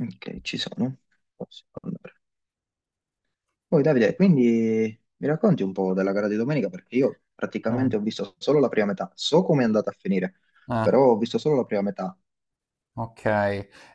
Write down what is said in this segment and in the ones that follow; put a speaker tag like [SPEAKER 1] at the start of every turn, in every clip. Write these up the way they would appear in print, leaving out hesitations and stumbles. [SPEAKER 1] Ok, ci sono. Posso andare. Poi Davide, quindi mi racconti un po' della gara di domenica perché io
[SPEAKER 2] Ah,
[SPEAKER 1] praticamente ho visto solo la prima metà. So come è andata a finire,
[SPEAKER 2] ah,
[SPEAKER 1] però ho visto solo la prima metà.
[SPEAKER 2] ok.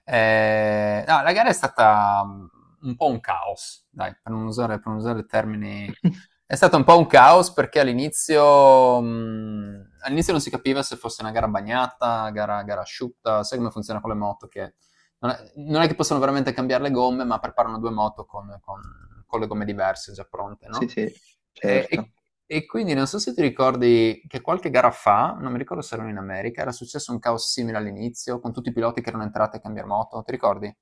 [SPEAKER 2] No, la gara è stata un po' un caos, dai, per non usare termini. È stato un po' un caos perché all'inizio non si capiva se fosse una gara bagnata, gara asciutta, sai come funziona con le moto, che non è che possono veramente cambiare le gomme, ma preparano due moto con, con le gomme diverse già pronte,
[SPEAKER 1] Sì,
[SPEAKER 2] no?
[SPEAKER 1] sì,
[SPEAKER 2] E, e-
[SPEAKER 1] certo.
[SPEAKER 2] e quindi non so se ti ricordi che qualche gara fa, non mi ricordo se erano in America, era successo un caos simile all'inizio, con tutti i piloti che erano entrati a cambiare moto, ti ricordi?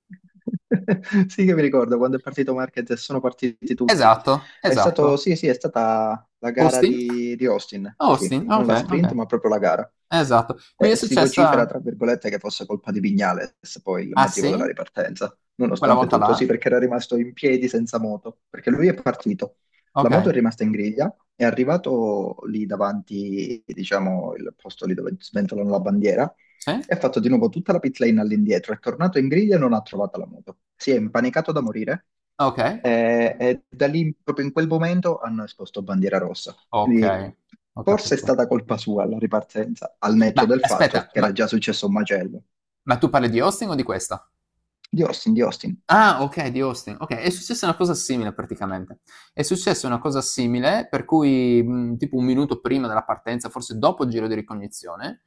[SPEAKER 1] Sì che mi ricordo quando è partito Marquez e sono partiti tutti.
[SPEAKER 2] Esatto,
[SPEAKER 1] È stato,
[SPEAKER 2] esatto.
[SPEAKER 1] sì, sì, è stata la gara
[SPEAKER 2] Austin?
[SPEAKER 1] di Austin, sì, sì,
[SPEAKER 2] Austin,
[SPEAKER 1] non
[SPEAKER 2] ok,
[SPEAKER 1] la sprint,
[SPEAKER 2] ok.
[SPEAKER 1] ma proprio la gara.
[SPEAKER 2] Esatto. Qui è
[SPEAKER 1] E si vocifera,
[SPEAKER 2] successa.
[SPEAKER 1] tra virgolette, che fosse colpa di Vignales, poi il
[SPEAKER 2] Ah
[SPEAKER 1] motivo della
[SPEAKER 2] sì?
[SPEAKER 1] ripartenza,
[SPEAKER 2] Quella
[SPEAKER 1] nonostante
[SPEAKER 2] volta là?
[SPEAKER 1] tutto, sì, perché era rimasto in piedi senza moto, perché lui è partito, la moto
[SPEAKER 2] Okay.
[SPEAKER 1] è rimasta in griglia, è arrivato lì davanti, diciamo, il posto lì dove sventolano la bandiera,
[SPEAKER 2] Sì?
[SPEAKER 1] e ha fatto di nuovo tutta la pit lane all'indietro. È tornato in griglia e non ha trovato la moto. Si è impanicato da morire
[SPEAKER 2] Okay,
[SPEAKER 1] e da lì, proprio in quel momento, hanno esposto bandiera rossa. Quindi
[SPEAKER 2] okay, ho
[SPEAKER 1] forse è
[SPEAKER 2] capito.
[SPEAKER 1] stata colpa sua la ripartenza, al netto
[SPEAKER 2] Ma
[SPEAKER 1] del fatto
[SPEAKER 2] aspetta,
[SPEAKER 1] che era
[SPEAKER 2] ma
[SPEAKER 1] già successo un macello.
[SPEAKER 2] ma tu parli di hosting o di questa?
[SPEAKER 1] Di Austin,
[SPEAKER 2] Ah, ok, di Austin. Ok, è successa una cosa simile praticamente. È successa una cosa simile, per cui tipo un minuto prima della partenza, forse dopo il giro di ricognizione,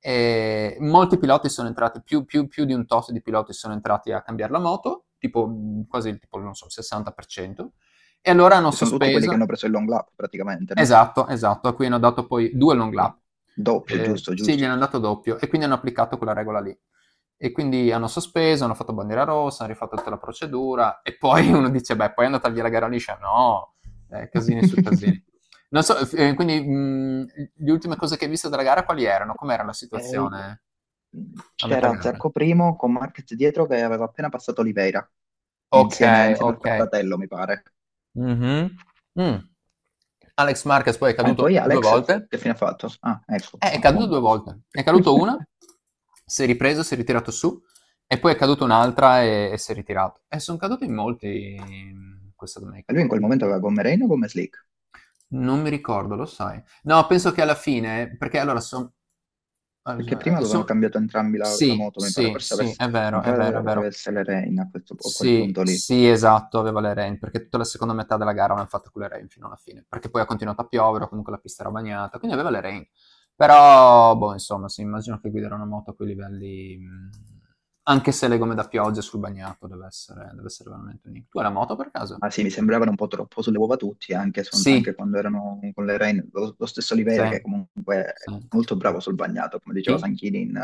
[SPEAKER 2] molti piloti sono entrati, più, più di un tot di piloti sono entrati a cambiare la moto, tipo quasi il tipo, non so, il 60%, e allora hanno
[SPEAKER 1] che sono tutti quelli
[SPEAKER 2] sospeso.
[SPEAKER 1] che hanno preso il long lap praticamente, no?
[SPEAKER 2] Esatto, esatto, a cui hanno dato poi 2 long
[SPEAKER 1] Eh,
[SPEAKER 2] lap.
[SPEAKER 1] doppio, giusto,
[SPEAKER 2] Sì, gliene
[SPEAKER 1] giusto.
[SPEAKER 2] hanno dato doppio e quindi hanno applicato quella regola lì. E quindi hanno sospeso, hanno fatto bandiera rossa, hanno rifatto tutta la procedura e poi uno dice: Beh, poi è andata via la gara liscia. No, casini su casini. Non so, quindi le ultime cose che hai visto della gara quali erano? Com'era la
[SPEAKER 1] E
[SPEAKER 2] situazione a metà
[SPEAKER 1] c'era
[SPEAKER 2] gara?
[SPEAKER 1] Zarco Primo con Marquez dietro che aveva appena passato Oliveira,
[SPEAKER 2] Ok,
[SPEAKER 1] insieme, insieme al
[SPEAKER 2] ok.
[SPEAKER 1] fratello, mi pare.
[SPEAKER 2] Mhm. Mm. Alex Marquez poi è
[SPEAKER 1] E
[SPEAKER 2] caduto
[SPEAKER 1] poi
[SPEAKER 2] due
[SPEAKER 1] Alex,
[SPEAKER 2] volte.
[SPEAKER 1] che fine ha fatto? Ah, ecco,
[SPEAKER 2] È caduto due
[SPEAKER 1] appunto.
[SPEAKER 2] volte. È caduto una, si è ripreso, si è ritirato su, e poi è caduta un'altra e si è ritirato. E sono caduti in molti questa
[SPEAKER 1] E
[SPEAKER 2] domenica
[SPEAKER 1] lui in
[SPEAKER 2] qua.
[SPEAKER 1] quel momento aveva gomme Reino o gomme Slick?
[SPEAKER 2] Non mi ricordo, lo sai. No, penso che alla fine, perché allora sono...
[SPEAKER 1] Perché prima avevano cambiato entrambi la
[SPEAKER 2] Sì,
[SPEAKER 1] moto, mi pare,
[SPEAKER 2] sì,
[SPEAKER 1] forse
[SPEAKER 2] sì,
[SPEAKER 1] avesse,
[SPEAKER 2] è
[SPEAKER 1] mi
[SPEAKER 2] vero, è vero, è
[SPEAKER 1] pare che
[SPEAKER 2] vero.
[SPEAKER 1] avesse le Reina a a quel
[SPEAKER 2] Sì,
[SPEAKER 1] punto lì.
[SPEAKER 2] sì, esatto, aveva le rain, perché tutta la seconda metà della gara l'hanno fatta con le rain fino alla fine, perché poi ha continuato a piovere, o comunque la pista era bagnata, quindi aveva le rain. Però, boh, insomma, sì, immagino che guidare una moto a quei livelli, anche se le gomme da pioggia sul bagnato, deve essere veramente unico. Tu hai la moto per caso?
[SPEAKER 1] Ma sì, mi sembravano un po' troppo sulle uova tutti, anche,
[SPEAKER 2] Sì,
[SPEAKER 1] anche quando erano con le Reine. Lo stesso
[SPEAKER 2] sì,
[SPEAKER 1] Oliveira, che comunque
[SPEAKER 2] sì.
[SPEAKER 1] è molto bravo sul bagnato, come
[SPEAKER 2] Chi?
[SPEAKER 1] diceva Sanchini in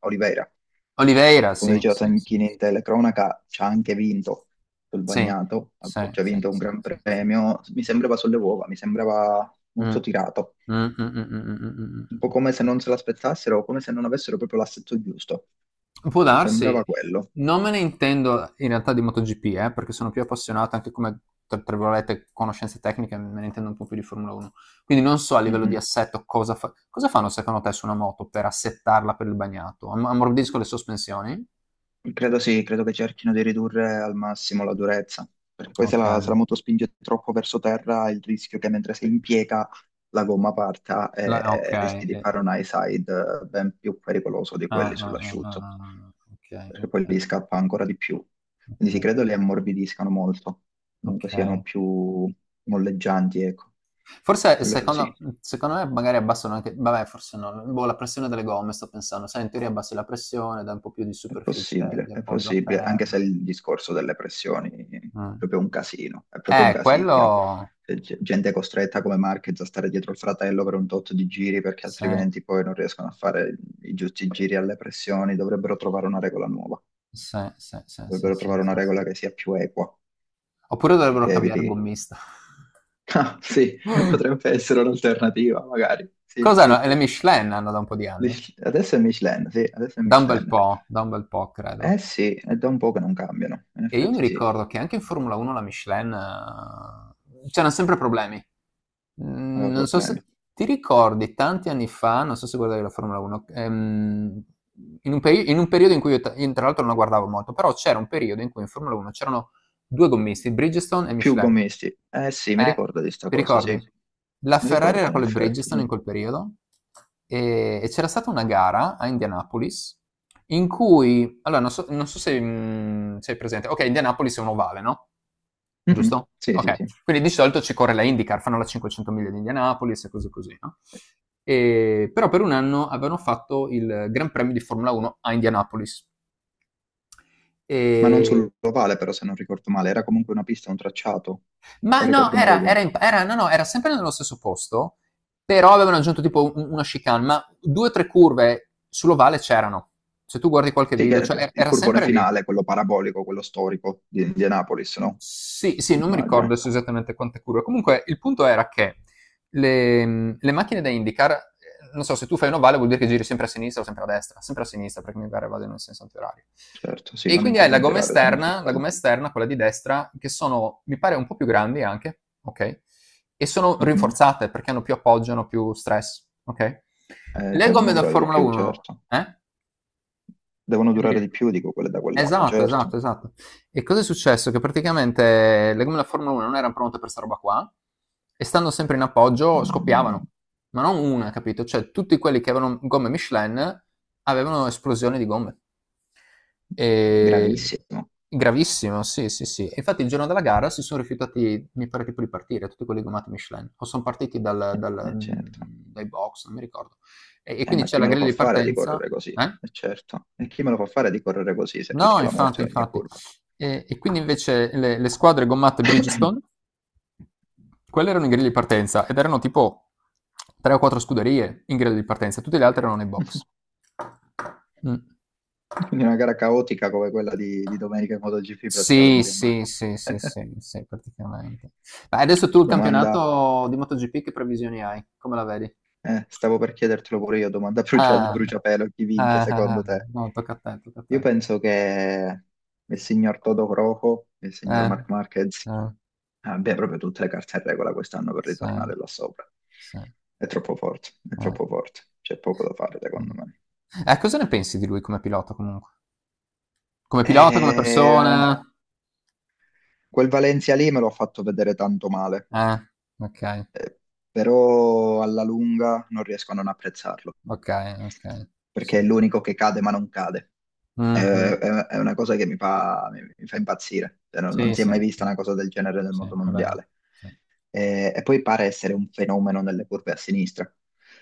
[SPEAKER 1] Oliveira,
[SPEAKER 2] Oliveira,
[SPEAKER 1] come
[SPEAKER 2] sì,
[SPEAKER 1] diceva
[SPEAKER 2] sì, sì,
[SPEAKER 1] Sanchini
[SPEAKER 2] sì,
[SPEAKER 1] in telecronaca, ci ha anche vinto sul bagnato, ha
[SPEAKER 2] sì,
[SPEAKER 1] già
[SPEAKER 2] sì,
[SPEAKER 1] vinto un
[SPEAKER 2] sì,
[SPEAKER 1] gran
[SPEAKER 2] sì, sì.
[SPEAKER 1] premio. Mi sembrava sulle uova, mi sembrava
[SPEAKER 2] Mm.
[SPEAKER 1] molto tirato,
[SPEAKER 2] Mm, mm, mm, mm, mm, mm,
[SPEAKER 1] un po'
[SPEAKER 2] mm,
[SPEAKER 1] come se
[SPEAKER 2] mm.
[SPEAKER 1] non
[SPEAKER 2] Mm.
[SPEAKER 1] se l'aspettassero, come se non avessero proprio l'assetto giusto.
[SPEAKER 2] Può
[SPEAKER 1] Sembrava
[SPEAKER 2] darsi,
[SPEAKER 1] quello.
[SPEAKER 2] non me ne intendo in realtà di MotoGP, perché sono più appassionato anche come, tra virgolette, conoscenze tecniche, me ne intendo un po' più di Formula 1. Quindi non so a livello di
[SPEAKER 1] Mhm.
[SPEAKER 2] assetto cosa fanno secondo te su una moto per assettarla per il bagnato. Ammorbidisco le sospensioni?
[SPEAKER 1] Credo sì, credo che cerchino di ridurre al massimo la durezza, perché poi
[SPEAKER 2] Ok,
[SPEAKER 1] se la moto spinge troppo verso terra, il rischio è che mentre si impiega la gomma parta
[SPEAKER 2] Ok,
[SPEAKER 1] e rischi di
[SPEAKER 2] eh,
[SPEAKER 1] fare un high side ben più pericoloso di quelli
[SPEAKER 2] ah, ah, ah,
[SPEAKER 1] sull'asciutto,
[SPEAKER 2] ah, ah, ok,
[SPEAKER 1] perché
[SPEAKER 2] ok,
[SPEAKER 1] poi lì scappa ancora di più. Quindi sì,
[SPEAKER 2] ok,
[SPEAKER 1] credo li ammorbidiscano molto, comunque siano
[SPEAKER 2] ok.
[SPEAKER 1] più molleggianti, ecco.
[SPEAKER 2] Forse
[SPEAKER 1] Quello sì.
[SPEAKER 2] secondo me magari abbassano anche, vabbè, forse no, boh, la pressione delle gomme, sto pensando, sai, in teoria abbassi la pressione, dai un po' più di superficie, di
[SPEAKER 1] È
[SPEAKER 2] appoggio a
[SPEAKER 1] possibile, anche se
[SPEAKER 2] terra.
[SPEAKER 1] il discorso delle pressioni è
[SPEAKER 2] Mm.
[SPEAKER 1] proprio un casino, è proprio un casino.
[SPEAKER 2] Quello,
[SPEAKER 1] C'è gente costretta come Marquez a stare dietro il fratello per un tot di giri perché
[SPEAKER 2] sì,
[SPEAKER 1] altrimenti poi non riescono a fare i giusti giri alle pressioni, dovrebbero trovare una regola nuova,
[SPEAKER 2] sì, sì, sì, sì, sì,
[SPEAKER 1] dovrebbero
[SPEAKER 2] sì,
[SPEAKER 1] trovare una
[SPEAKER 2] sì. Sì.
[SPEAKER 1] regola che sia più equa
[SPEAKER 2] Oppure
[SPEAKER 1] e
[SPEAKER 2] dovrebbero
[SPEAKER 1] che
[SPEAKER 2] cambiare
[SPEAKER 1] eviti...
[SPEAKER 2] gommista.
[SPEAKER 1] Ah, sì, potrebbe essere un'alternativa, magari. Sì,
[SPEAKER 2] Cos'hanno?
[SPEAKER 1] sì.
[SPEAKER 2] Le Michelin hanno da un po' di anni?
[SPEAKER 1] Adesso è Michelin, sì, adesso è
[SPEAKER 2] Da un bel
[SPEAKER 1] Michelin.
[SPEAKER 2] po', da un bel po', credo.
[SPEAKER 1] Eh sì, è da un po' che non cambiano, in
[SPEAKER 2] E io mi
[SPEAKER 1] effetti sì,
[SPEAKER 2] ricordo che anche in Formula 1 la Michelin, c'erano sempre problemi. Mm.
[SPEAKER 1] aveva
[SPEAKER 2] Non so se
[SPEAKER 1] problemi.
[SPEAKER 2] ti ricordi tanti anni fa, non so se guardavi la Formula 1, in un, in un periodo in cui io tra l'altro non la guardavo molto, però c'era un periodo in cui in Formula 1 c'erano due gommisti, Bridgestone e
[SPEAKER 1] Più
[SPEAKER 2] Michelin.
[SPEAKER 1] gommisti. Eh sì, mi
[SPEAKER 2] Eh,
[SPEAKER 1] ricordo di sta
[SPEAKER 2] ti
[SPEAKER 1] cosa, sì.
[SPEAKER 2] ricordi? La
[SPEAKER 1] Mi
[SPEAKER 2] Ferrari era
[SPEAKER 1] ricordo in
[SPEAKER 2] con le
[SPEAKER 1] effetti,
[SPEAKER 2] Bridgestone
[SPEAKER 1] sì.
[SPEAKER 2] in quel periodo e c'era stata una gara a Indianapolis in cui, allora non so, se sei presente, ok, Indianapolis è un ovale, no?
[SPEAKER 1] Mhm,
[SPEAKER 2] Giusto?
[SPEAKER 1] sì, sì,
[SPEAKER 2] Ok,
[SPEAKER 1] sì.
[SPEAKER 2] quindi di solito ci corre la IndyCar, fanno la 500 miglia di Indianapolis e cose così, no? Però per un anno avevano fatto il Gran Premio di Formula 1 a Indianapolis.
[SPEAKER 1] Ma non
[SPEAKER 2] E
[SPEAKER 1] sull'ovale, però, se non ricordo male. Era comunque una pista, un tracciato.
[SPEAKER 2] Ma
[SPEAKER 1] O
[SPEAKER 2] no,
[SPEAKER 1] ricordo male io.
[SPEAKER 2] no, no, era sempre nello stesso posto, però avevano aggiunto tipo una chicane, ma due o tre curve sull'ovale c'erano. Se tu guardi qualche
[SPEAKER 1] Sì,
[SPEAKER 2] video,
[SPEAKER 1] che
[SPEAKER 2] cioè
[SPEAKER 1] il
[SPEAKER 2] era
[SPEAKER 1] curvone
[SPEAKER 2] sempre lì.
[SPEAKER 1] finale, quello parabolico, quello storico di Indianapolis, no?
[SPEAKER 2] Sì, sì, non mi ricordo
[SPEAKER 1] Immagino.
[SPEAKER 2] adesso esattamente quante curve. Comunque il punto era che le macchine da IndyCar, non so, se tu fai un ovale vuol dire che giri sempre a sinistra o sempre a destra, sempre a sinistra perché mi pare vado in un senso antiorario.
[SPEAKER 1] Certo, sì,
[SPEAKER 2] E
[SPEAKER 1] vanno
[SPEAKER 2] quindi hai la
[SPEAKER 1] intentando
[SPEAKER 2] gomma
[SPEAKER 1] girare, se non mi
[SPEAKER 2] esterna, la
[SPEAKER 1] sbaglio.
[SPEAKER 2] gomma esterna, quella di destra, che sono, mi pare, un po' più grandi anche, ok? E sono
[SPEAKER 1] Mhm.
[SPEAKER 2] rinforzate perché hanno più appoggio, hanno più stress, ok? Le
[SPEAKER 1] Devono
[SPEAKER 2] gomme da
[SPEAKER 1] durare di
[SPEAKER 2] Formula
[SPEAKER 1] più,
[SPEAKER 2] 1,
[SPEAKER 1] certo.
[SPEAKER 2] eh?
[SPEAKER 1] Devono durare
[SPEAKER 2] Quindi-
[SPEAKER 1] di più, dico, quelle da quel lato,
[SPEAKER 2] Esatto,
[SPEAKER 1] certo.
[SPEAKER 2] esatto, esatto. E cosa è successo? Che praticamente le gomme della Formula 1 non erano pronte per sta roba qua e stando sempre in appoggio scoppiavano,
[SPEAKER 1] Mm,
[SPEAKER 2] ma non una, capito? Cioè tutti quelli che avevano gomme Michelin avevano esplosioni di gomme. E...
[SPEAKER 1] gravissimo.
[SPEAKER 2] Gravissimo, sì, sì, sì. E infatti il giorno della gara si sono rifiutati, mi pare tipo di partire, tutti quelli gommati Michelin, o sono partiti
[SPEAKER 1] Eh, certo.
[SPEAKER 2] dai box, non mi ricordo. E quindi
[SPEAKER 1] Ma
[SPEAKER 2] c'è
[SPEAKER 1] chi
[SPEAKER 2] la
[SPEAKER 1] me lo
[SPEAKER 2] griglia
[SPEAKER 1] fa
[SPEAKER 2] di
[SPEAKER 1] fare di
[SPEAKER 2] partenza.
[SPEAKER 1] correre così?
[SPEAKER 2] Eh?
[SPEAKER 1] E certo. E chi me lo fa fare di correre così se
[SPEAKER 2] No,
[SPEAKER 1] rischia la
[SPEAKER 2] infatti,
[SPEAKER 1] morte a ogni
[SPEAKER 2] infatti.
[SPEAKER 1] curva?
[SPEAKER 2] E quindi invece le squadre gommate Bridgestone, quelle erano in griglia di partenza ed erano tipo tre o quattro scuderie in griglia di partenza, tutte le altre erano nei box. Mm.
[SPEAKER 1] Quindi una gara caotica come quella di domenica in MotoGP
[SPEAKER 2] Sì,
[SPEAKER 1] praticamente in
[SPEAKER 2] sì,
[SPEAKER 1] bagno.
[SPEAKER 2] sì, sì, sì, sì, praticamente. Ma adesso tu il
[SPEAKER 1] Domanda,
[SPEAKER 2] campionato di MotoGP che previsioni hai? Come la vedi?
[SPEAKER 1] stavo per chiedertelo pure io, domanda
[SPEAKER 2] Ah,
[SPEAKER 1] bruciapelo, chi vince
[SPEAKER 2] ah, ah, ah.
[SPEAKER 1] secondo te?
[SPEAKER 2] No, tocca a te, tocca a
[SPEAKER 1] Io
[SPEAKER 2] te.
[SPEAKER 1] penso che il signor Toto Croco e il signor
[SPEAKER 2] Eh,
[SPEAKER 1] Marc Marquez
[SPEAKER 2] eh,
[SPEAKER 1] abbiano proprio tutte le carte in regola quest'anno per
[SPEAKER 2] sì,
[SPEAKER 1] ritornare là sopra.
[SPEAKER 2] sì,
[SPEAKER 1] È
[SPEAKER 2] eh.
[SPEAKER 1] troppo forte, c'è poco da fare secondo me.
[SPEAKER 2] Cosa ne pensi di lui come pilota comunque? Come pilota, come
[SPEAKER 1] Eh,
[SPEAKER 2] persona?
[SPEAKER 1] quel Valencia lì me l'ho fatto vedere tanto male,
[SPEAKER 2] Eh, ok,
[SPEAKER 1] eh, però alla lunga non riesco a non apprezzarlo,
[SPEAKER 2] ok, ok,
[SPEAKER 1] perché
[SPEAKER 2] sì.
[SPEAKER 1] è l'unico che cade ma non cade.
[SPEAKER 2] Mhm.
[SPEAKER 1] È una cosa che mi fa, mi fa impazzire. Cioè, non
[SPEAKER 2] Sì,
[SPEAKER 1] si è
[SPEAKER 2] sì,
[SPEAKER 1] mai
[SPEAKER 2] sì,
[SPEAKER 1] vista una cosa del genere nel
[SPEAKER 2] sì,
[SPEAKER 1] mondo
[SPEAKER 2] è vero.
[SPEAKER 1] mondiale.
[SPEAKER 2] Sì,
[SPEAKER 1] Eh, e poi pare essere un fenomeno nelle curve a sinistra.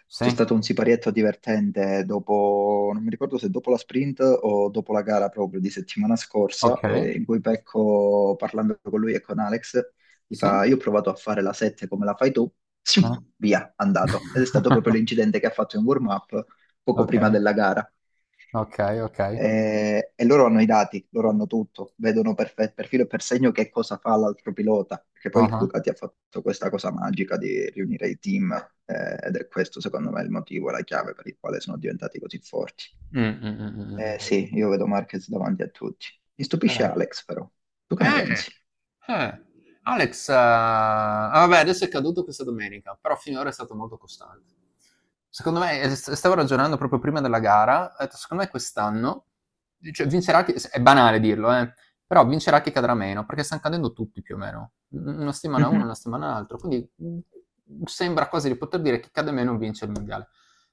[SPEAKER 2] sì,
[SPEAKER 1] C'è stato un siparietto divertente dopo, non mi ricordo se dopo la sprint o dopo la gara proprio di settimana scorsa,
[SPEAKER 2] ok,
[SPEAKER 1] in cui Pecco, parlando con lui e con Alex, gli
[SPEAKER 2] sì,
[SPEAKER 1] fa: Io ho provato a fare la 7 come la fai tu,
[SPEAKER 2] eh.
[SPEAKER 1] sì, via, andato. Ed è stato proprio l'incidente che ha fatto in warm-up poco
[SPEAKER 2] Ok,
[SPEAKER 1] prima della gara.
[SPEAKER 2] ok, ok.
[SPEAKER 1] E loro hanno i dati, loro hanno tutto, vedono per, per filo e per segno che cosa fa l'altro pilota, perché
[SPEAKER 2] Ah
[SPEAKER 1] poi
[SPEAKER 2] ah.
[SPEAKER 1] Ducati ha fatto questa cosa magica di riunire i team, ed è questo secondo me il motivo, la chiave per il quale sono diventati così forti.
[SPEAKER 2] Mm, mm, mm, mm, mm.
[SPEAKER 1] Sì, io vedo Marquez davanti a tutti. Mi stupisce
[SPEAKER 2] Eh.
[SPEAKER 1] Alex però, tu che ne
[SPEAKER 2] Eh,
[SPEAKER 1] pensi?
[SPEAKER 2] eh. Alex, vabbè, adesso è caduto questa domenica, però finora è stato molto costante. Secondo me, stavo ragionando proprio prima della gara, ho detto, secondo me quest'anno cioè, vincerà chi, è banale dirlo, però vincerà chi cadrà meno, perché stanno cadendo tutti più o meno, una settimana uno,
[SPEAKER 1] Mhm.
[SPEAKER 2] una settimana l'altro, quindi sembra quasi di poter dire che chi cade meno vince il mondiale.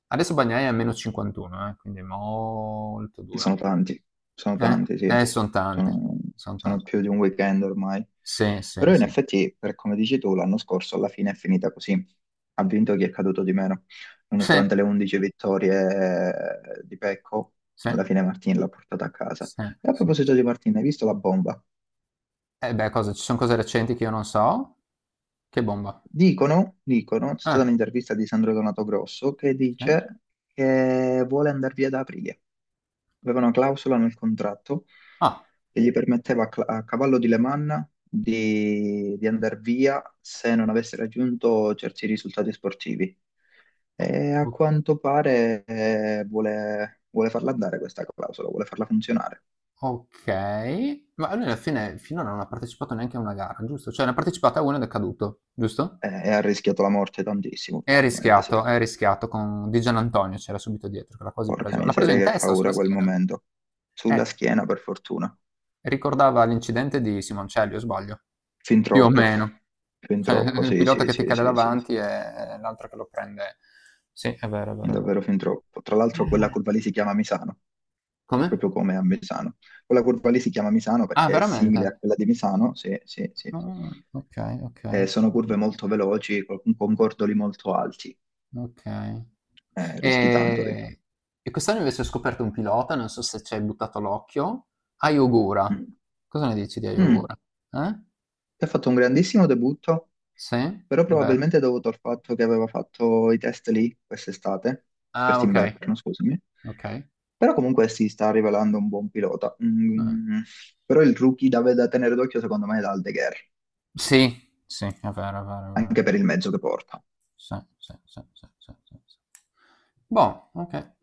[SPEAKER 2] Adesso Bagnai è a meno 51, quindi è molto dura.
[SPEAKER 1] Sono tanti, sono
[SPEAKER 2] Eh,
[SPEAKER 1] tanti, sì.
[SPEAKER 2] eh sono tanti,
[SPEAKER 1] Sono,
[SPEAKER 2] sono
[SPEAKER 1] sono
[SPEAKER 2] tanti.
[SPEAKER 1] più di un weekend ormai.
[SPEAKER 2] Sì, sì,
[SPEAKER 1] Però in
[SPEAKER 2] sì.
[SPEAKER 1] effetti, per come dici tu, l'anno scorso alla fine è finita così. Ha vinto chi è caduto di meno.
[SPEAKER 2] Sì,
[SPEAKER 1] Nonostante le 11 vittorie di Pecco,
[SPEAKER 2] sì,
[SPEAKER 1] alla fine Martin l'ha portata a casa.
[SPEAKER 2] sì,
[SPEAKER 1] E a
[SPEAKER 2] sì,
[SPEAKER 1] proposito
[SPEAKER 2] sì.
[SPEAKER 1] di Martin, hai visto la bomba?
[SPEAKER 2] Eh beh, cosa, ci sono cose recenti che io non so? Che bomba.
[SPEAKER 1] Dicono, dicono, c'è stata
[SPEAKER 2] Ah,
[SPEAKER 1] un'intervista di Sandro Donato Grosso che
[SPEAKER 2] sì.
[SPEAKER 1] dice che vuole andare via da aprile. Aveva una clausola nel contratto
[SPEAKER 2] Ah,
[SPEAKER 1] che gli permetteva a, a cavallo di Le Mans di andare via se non avesse raggiunto certi risultati sportivi. E a
[SPEAKER 2] o-
[SPEAKER 1] quanto pare vuole, vuole farla andare questa clausola, vuole farla funzionare.
[SPEAKER 2] ok. Ma lui alla fine finora non ha partecipato neanche a una gara, giusto? Cioè ne ha partecipato a una ed è caduto, giusto?
[SPEAKER 1] Ha rischiato la morte tantissimo,
[SPEAKER 2] È
[SPEAKER 1] praticamente, sì.
[SPEAKER 2] rischiato, è rischiato con Di Gianantonio, c'era subito dietro, che l'ha quasi
[SPEAKER 1] Porca
[SPEAKER 2] preso. L'ha preso
[SPEAKER 1] miseria,
[SPEAKER 2] in
[SPEAKER 1] che
[SPEAKER 2] testa o sulla
[SPEAKER 1] paura quel
[SPEAKER 2] schiena?
[SPEAKER 1] momento. Sulla
[SPEAKER 2] Eh,
[SPEAKER 1] schiena, per fortuna.
[SPEAKER 2] ricordava l'incidente di Simoncelli, o sbaglio?
[SPEAKER 1] Fin
[SPEAKER 2] Più o
[SPEAKER 1] troppo,
[SPEAKER 2] meno.
[SPEAKER 1] fin
[SPEAKER 2] Cioè,
[SPEAKER 1] troppo,
[SPEAKER 2] il
[SPEAKER 1] sì,
[SPEAKER 2] pilota
[SPEAKER 1] sì,
[SPEAKER 2] che ti
[SPEAKER 1] sì,
[SPEAKER 2] cade
[SPEAKER 1] sì, sì.
[SPEAKER 2] davanti e l'altro che lo prende. Sì, è vero, è vero, è vero.
[SPEAKER 1] Davvero fin troppo. Tra l'altro quella
[SPEAKER 2] Mm.
[SPEAKER 1] curva lì si chiama Misano,
[SPEAKER 2] Come?
[SPEAKER 1] proprio come a Misano. Quella curva lì si chiama Misano
[SPEAKER 2] Ah,
[SPEAKER 1] perché è simile a
[SPEAKER 2] veramente?
[SPEAKER 1] quella di Misano, sì, sì, sì.
[SPEAKER 2] Ah, ok, ok. Ho
[SPEAKER 1] Sono curve
[SPEAKER 2] capito.
[SPEAKER 1] molto veloci, con cordoli molto alti,
[SPEAKER 2] Ok.
[SPEAKER 1] rischi tanto lì.
[SPEAKER 2] E, e quest'anno invece ho scoperto un pilota, non so se ci hai buttato l'occhio, Ayogura.
[SPEAKER 1] Mm.
[SPEAKER 2] Cosa ne dici di
[SPEAKER 1] Mm.
[SPEAKER 2] Ayogura? Eh?
[SPEAKER 1] Ti ha fatto un grandissimo debutto,
[SPEAKER 2] Sì? È
[SPEAKER 1] però
[SPEAKER 2] vero?
[SPEAKER 1] probabilmente è dovuto al fatto che aveva fatto i test lì quest'estate,
[SPEAKER 2] Ah, ok,
[SPEAKER 1] quest'inverno, scusami.
[SPEAKER 2] ok.
[SPEAKER 1] Però comunque si sta rivelando un buon pilota.
[SPEAKER 2] Eh,
[SPEAKER 1] Mm. Però il rookie da, da tenere d'occhio secondo me è Aldeguer,
[SPEAKER 2] sì, sì, è vero, è vero, è vero.
[SPEAKER 1] anche per il mezzo che porta.
[SPEAKER 2] Sì, sì, sì, sì, sì, sì, sì. Boh, ok.